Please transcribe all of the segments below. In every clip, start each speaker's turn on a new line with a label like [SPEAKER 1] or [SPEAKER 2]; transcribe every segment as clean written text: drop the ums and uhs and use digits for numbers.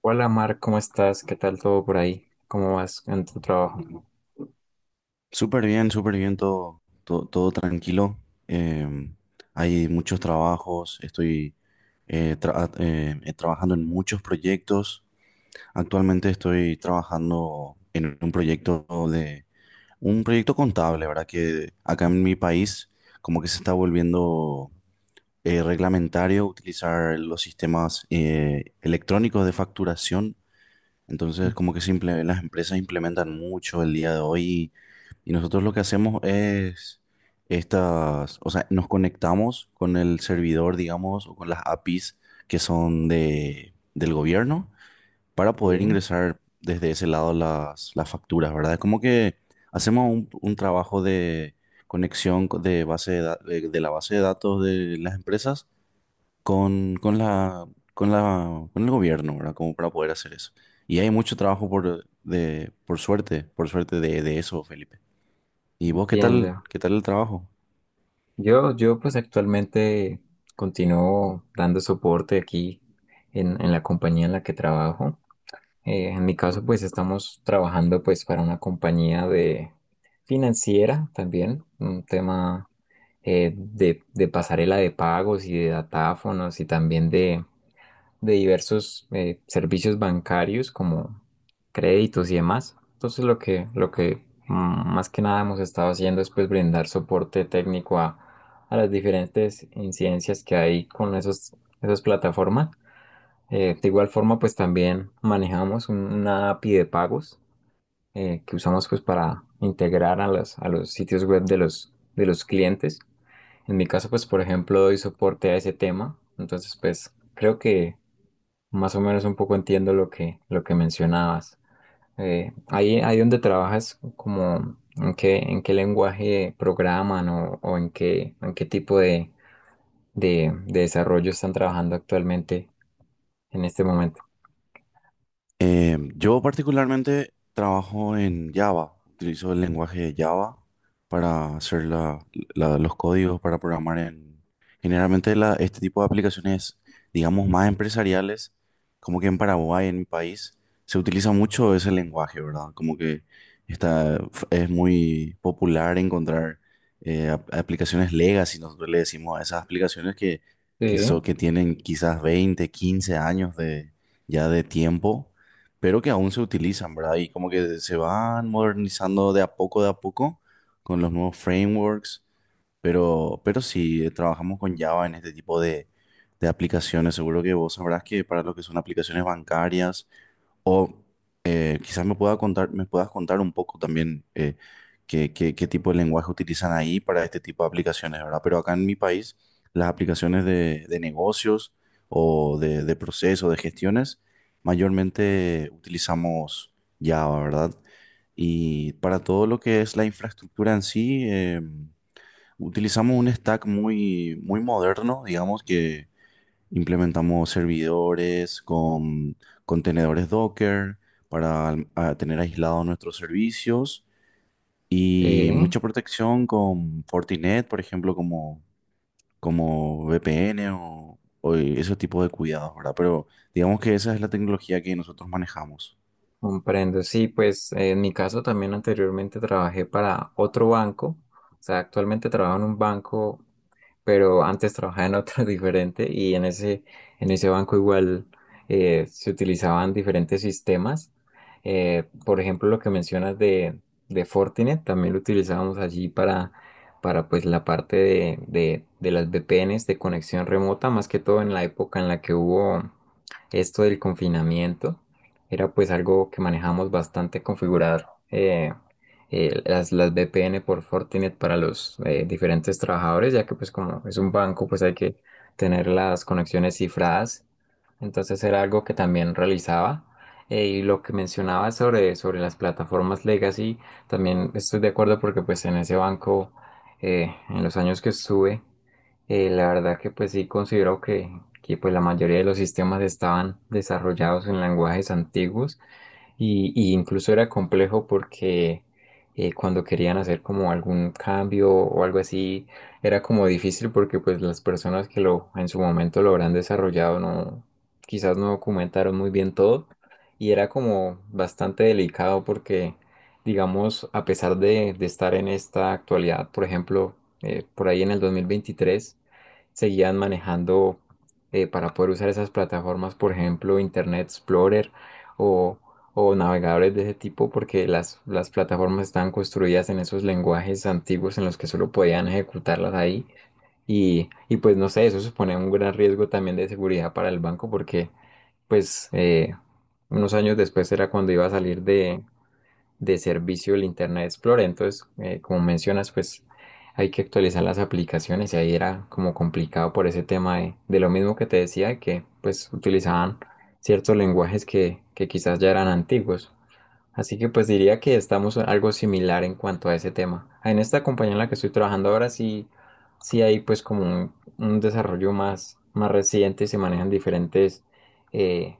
[SPEAKER 1] Hola Mar, ¿cómo estás? ¿Qué tal todo por ahí? ¿Cómo vas en tu trabajo?
[SPEAKER 2] Súper bien, todo, todo, todo tranquilo. Em, Hay muchos trabajos, estoy trabajando en muchos proyectos. Actualmente estoy trabajando en un proyecto de un proyecto contable, ¿verdad? Que acá en mi país como que se está volviendo reglamentario utilizar los sistemas electrónicos de facturación, entonces,
[SPEAKER 1] Ujú.
[SPEAKER 2] como que simple, las empresas implementan mucho el día de hoy. Y nosotros lo que hacemos es estas, o sea, nos conectamos con el servidor, digamos, o con las APIs que son del gobierno para poder
[SPEAKER 1] Bien,
[SPEAKER 2] ingresar desde ese lado las facturas, ¿verdad? Es como que hacemos un trabajo de conexión co- de base de, da- de la base de datos de las empresas con, con la, con el gobierno, ¿verdad? Como para poder hacer eso. Y hay mucho trabajo por suerte, por suerte de eso, Felipe. ¿Y vos qué tal?
[SPEAKER 1] entiendo.
[SPEAKER 2] ¿Qué tal el trabajo?
[SPEAKER 1] Yo pues actualmente continúo dando soporte aquí en la compañía en la que trabajo. En mi caso pues estamos trabajando pues para una compañía de financiera también, un tema de pasarela de pagos y de datáfonos y también de diversos servicios bancarios como créditos y demás. Entonces lo que más que nada hemos estado haciendo es pues brindar soporte técnico a las diferentes incidencias que hay con esas plataformas. De igual forma pues también manejamos una API de pagos que usamos pues para integrar a a los sitios web de de los clientes. En mi caso, pues, por ejemplo, doy soporte a ese tema, entonces, pues, creo que más o menos un poco entiendo lo que mencionabas. Ahí donde trabajas, como en qué lenguaje programan o en en qué tipo de desarrollo están trabajando actualmente en este momento.
[SPEAKER 2] Yo particularmente trabajo en Java, utilizo el lenguaje de Java para hacer los códigos, para programar en... Generalmente este tipo de aplicaciones, digamos, más empresariales, como que en Paraguay, en mi país, se utiliza mucho ese lenguaje, ¿verdad? Como que está, es muy popular encontrar aplicaciones legacy, nosotros le decimos a esas aplicaciones que,
[SPEAKER 1] Sí,
[SPEAKER 2] que tienen quizás 20, 15 años de, ya de tiempo, pero que aún se utilizan, ¿verdad? Y como que se van modernizando de a poco, con los nuevos frameworks, pero, pero sí, trabajamos con Java en este tipo de aplicaciones. Seguro que vos sabrás que para lo que son aplicaciones bancarias o quizás me puedas contar un poco también, eh, qué tipo de lenguaje utilizan ahí para este tipo de aplicaciones, ¿verdad? Pero acá en mi país, las aplicaciones de negocios o de procesos, de gestiones, mayormente utilizamos Java, ¿verdad? Y para todo lo que es la infraestructura en sí, utilizamos un stack muy, muy moderno, digamos que implementamos servidores con contenedores Docker para a tener aislados nuestros servicios y
[SPEAKER 1] sí,
[SPEAKER 2] mucha protección con Fortinet, por ejemplo, como, como VPN o ese tipo de cuidados, ¿verdad? Pero digamos que esa es la tecnología que nosotros manejamos.
[SPEAKER 1] comprendo. Sí, pues, en mi caso también anteriormente trabajé para otro banco, o sea, actualmente trabajo en un banco pero antes trabajaba en otro diferente y en en ese banco igual se utilizaban diferentes sistemas. Por ejemplo, lo que mencionas de Fortinet, también lo utilizábamos allí para pues, la parte de las VPNs de conexión remota, más que todo en la época en la que hubo esto del confinamiento. Era pues algo que manejamos bastante configurar. Las VPN por Fortinet para los diferentes trabajadores, ya que pues como es un banco, pues hay que tener las conexiones cifradas. Entonces era algo que también realizaba. Y lo que mencionaba sobre las plataformas legacy, también estoy de acuerdo porque pues en ese banco, en los años que estuve, la verdad que pues sí considero que pues la mayoría de los sistemas estaban desarrollados en lenguajes antiguos y incluso era complejo porque cuando querían hacer como algún cambio o algo así, era como difícil porque pues las personas que lo en su momento lo habrán desarrollado no, quizás no documentaron muy bien todo y era como bastante delicado porque digamos a pesar de estar en esta actualidad, por ejemplo, por ahí en el 2023 seguían manejando para poder usar esas plataformas, por ejemplo, Internet Explorer o o navegadores de ese tipo porque las plataformas estaban construidas en esos lenguajes antiguos en los que solo podían ejecutarlas ahí. Y pues no sé, eso supone un gran riesgo también de seguridad para el banco porque pues unos años después era cuando iba a salir de servicio del Internet Explorer. Entonces, como mencionas, pues hay que actualizar las aplicaciones y ahí era como complicado por ese tema de lo mismo que te decía, que pues utilizaban ciertos lenguajes que quizás ya eran antiguos. Así que pues diría que estamos algo similar en cuanto a ese tema. En esta compañía en la que estoy trabajando ahora sí hay pues como un desarrollo más reciente y se manejan diferentes eh,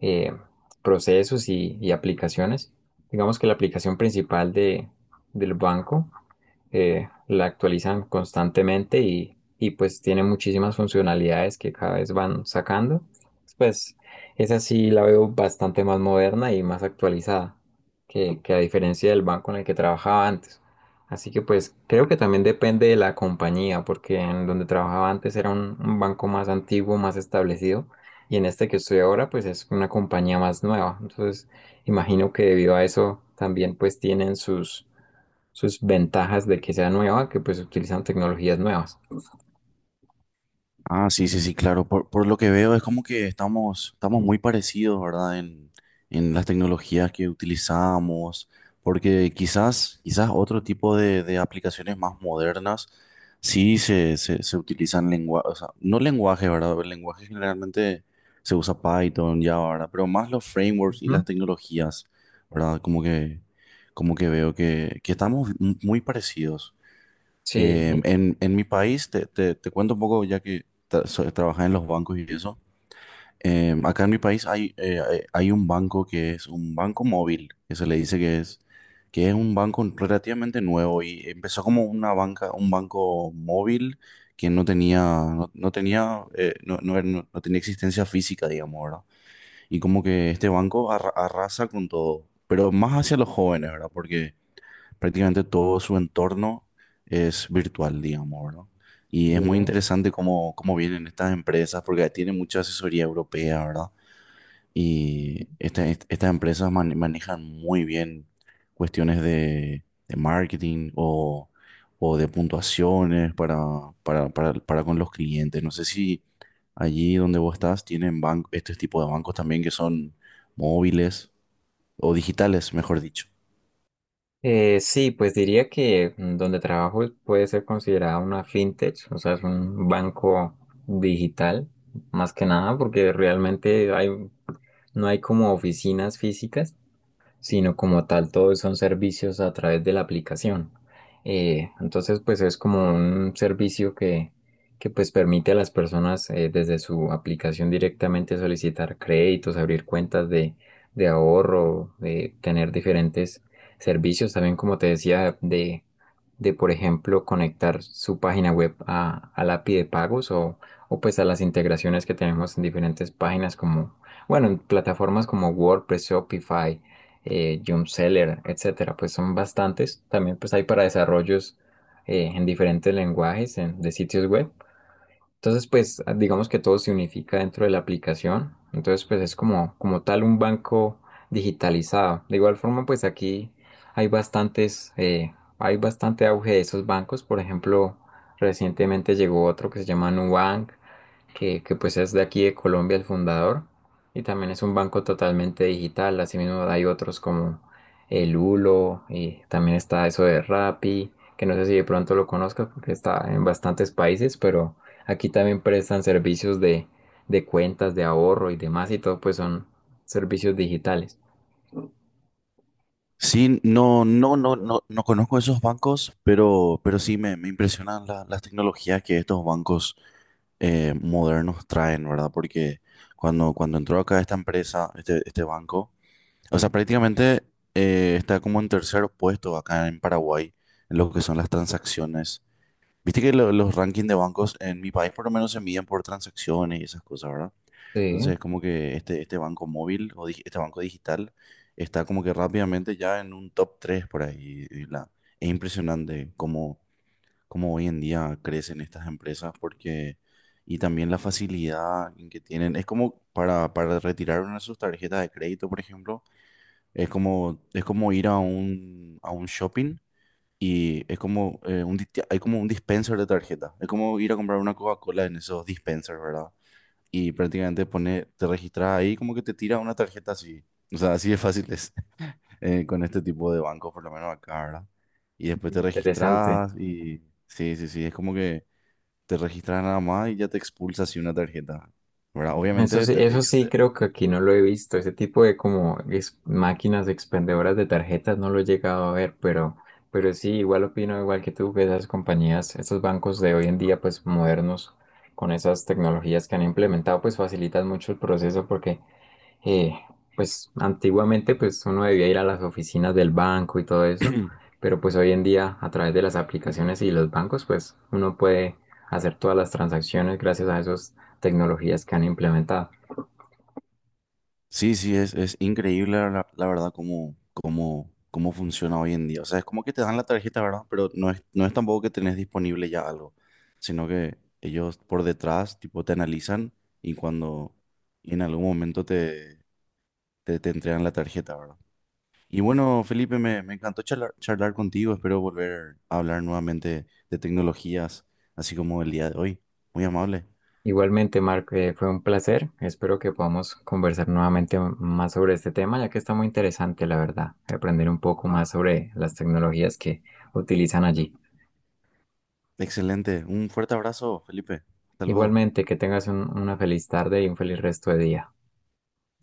[SPEAKER 1] eh, procesos y aplicaciones. Digamos que la aplicación principal del banco la actualizan constantemente y pues tiene muchísimas funcionalidades que cada vez van sacando. Pues esa sí la veo bastante más moderna y más actualizada que a diferencia del banco en el que trabajaba antes. Así que pues creo que también depende de la compañía, porque en donde trabajaba antes era un banco más antiguo, más establecido, y en este que estoy ahora pues es una compañía más nueva. Entonces imagino que debido a eso también pues tienen sus sus ventajas de que sea nueva, que pues utilizan tecnologías nuevas.
[SPEAKER 2] Ah, sí, sí, sí, claro. Por lo que veo es como que estamos, estamos muy parecidos, ¿verdad? En las tecnologías que utilizamos, porque quizás, quizás otro tipo de aplicaciones más modernas sí se, se utilizan lenguaje, o sea, no lenguaje, ¿verdad? El lenguaje generalmente se usa Python, Java, ¿verdad? Pero más los frameworks y las
[SPEAKER 1] Ujú.
[SPEAKER 2] tecnologías, ¿verdad? Como que veo que estamos muy parecidos.
[SPEAKER 1] Sí, y-
[SPEAKER 2] En mi país, te, te cuento un poco ya que trabajé en los bancos y eso. Acá en mi país hay, hay un banco que es un banco móvil, que se le dice que es un banco relativamente nuevo y empezó como una banca, un banco móvil que no tenía, no, no tenía, no, no tenía existencia física, digamos, ¿verdad? Y como que este banco arrasa con todo, pero más hacia los jóvenes, ¿verdad? Porque prácticamente todo su entorno es virtual, digamos, ¿verdad? Y es muy
[SPEAKER 1] y,
[SPEAKER 2] interesante cómo, cómo vienen estas empresas, porque tienen mucha asesoría europea, ¿verdad? Y estas empresas manejan muy bien cuestiones de marketing o de puntuaciones para, para con los clientes. No sé si allí donde vos estás tienen este tipo de bancos también que son móviles o digitales, mejor dicho.
[SPEAKER 1] sí, pues diría que donde trabajo puede ser considerada una fintech, o sea, es un banco digital, más que nada, porque realmente no hay como oficinas físicas, sino como tal todos son servicios a través de la aplicación. Entonces, pues es como un servicio que pues permite a las personas desde su aplicación directamente solicitar créditos, abrir cuentas de ahorro, de tener diferentes servicios, también como te decía, de por ejemplo conectar su página web a la API de pagos o pues a las integraciones que tenemos en diferentes páginas como, bueno, en plataformas como WordPress, Shopify Jump Seller, etcétera, pues son bastantes. También pues hay para desarrollos en diferentes lenguajes de sitios web. Entonces pues digamos que todo se unifica dentro de la aplicación. Entonces pues es como, como tal un banco digitalizado. De igual forma pues aquí hay hay bastante auge de esos bancos. Por ejemplo, recientemente llegó otro que se llama Nubank que pues es de aquí de Colombia el fundador y también es un banco totalmente digital. Asimismo hay otros como el Ulo y también está eso de Rappi, que no sé si de pronto lo conozcas porque está en bastantes países, pero aquí también prestan servicios de cuentas, de ahorro y demás y todo pues son servicios digitales.
[SPEAKER 2] Sí, no, no, no, no, no conozco esos bancos, pero sí me impresionan las tecnologías que estos bancos modernos traen, ¿verdad? Porque cuando, cuando entró acá esta empresa, este banco, o sea, prácticamente está como en tercer puesto acá en Paraguay en lo que son las transacciones. Viste que los rankings de bancos en mi país por lo menos se miden por transacciones y esas cosas, ¿verdad? Entonces
[SPEAKER 1] Sí,
[SPEAKER 2] es como que este banco móvil o este banco digital está como que rápidamente ya en un top 3 por ahí. Y es impresionante cómo, cómo hoy en día crecen estas empresas porque, y también la facilidad en que tienen. Es como para retirar una de sus tarjetas de crédito, por ejemplo, es como ir a a un shopping y es como, hay como un dispenser de tarjeta. Es como ir a comprar una Coca-Cola en esos dispensers, ¿verdad? Y prácticamente pone, te registras ahí como que te tira una tarjeta así. O sea, así de fácil es con este tipo de bancos, por lo menos acá, ¿verdad? Y después te
[SPEAKER 1] interesante.
[SPEAKER 2] registras y sí, sí, sí, es como que te registras nada más y ya te expulsa así una tarjeta, ¿verdad? Obviamente
[SPEAKER 1] Eso
[SPEAKER 2] ellos
[SPEAKER 1] sí
[SPEAKER 2] te-
[SPEAKER 1] creo que aquí no lo he visto. Ese tipo de como máquinas expendedoras de tarjetas no lo he llegado a ver, pero sí, igual opino igual que tú que esas compañías, esos bancos de hoy en día, pues modernos, con esas tecnologías que han implementado, pues facilitan mucho el proceso porque eh, pues antiguamente pues uno debía ir a las oficinas del banco y todo eso, pero pues hoy en día a través de las aplicaciones y los bancos pues uno puede hacer todas las transacciones gracias a esas tecnologías que han implementado.
[SPEAKER 2] Sí, sí, es increíble la, la verdad cómo, cómo, cómo funciona hoy en día. O sea, es como que te dan la tarjeta, ¿verdad? Pero no es, no es tampoco que tenés disponible ya algo, sino que ellos por detrás, tipo, te analizan y cuando y en algún momento te, te, te entregan la tarjeta, ¿verdad? Y bueno, Felipe, me encantó charlar, charlar contigo. Espero volver a hablar nuevamente de tecnologías, así como el día de hoy. Muy amable.
[SPEAKER 1] Igualmente, Mark, fue un placer. Espero que podamos conversar nuevamente más sobre este tema, ya que está muy interesante, la verdad, aprender un poco más sobre las tecnologías que utilizan allí.
[SPEAKER 2] Excelente. Un fuerte abrazo, Felipe. Hasta luego.
[SPEAKER 1] Igualmente, que tengas una feliz tarde y un feliz resto de día.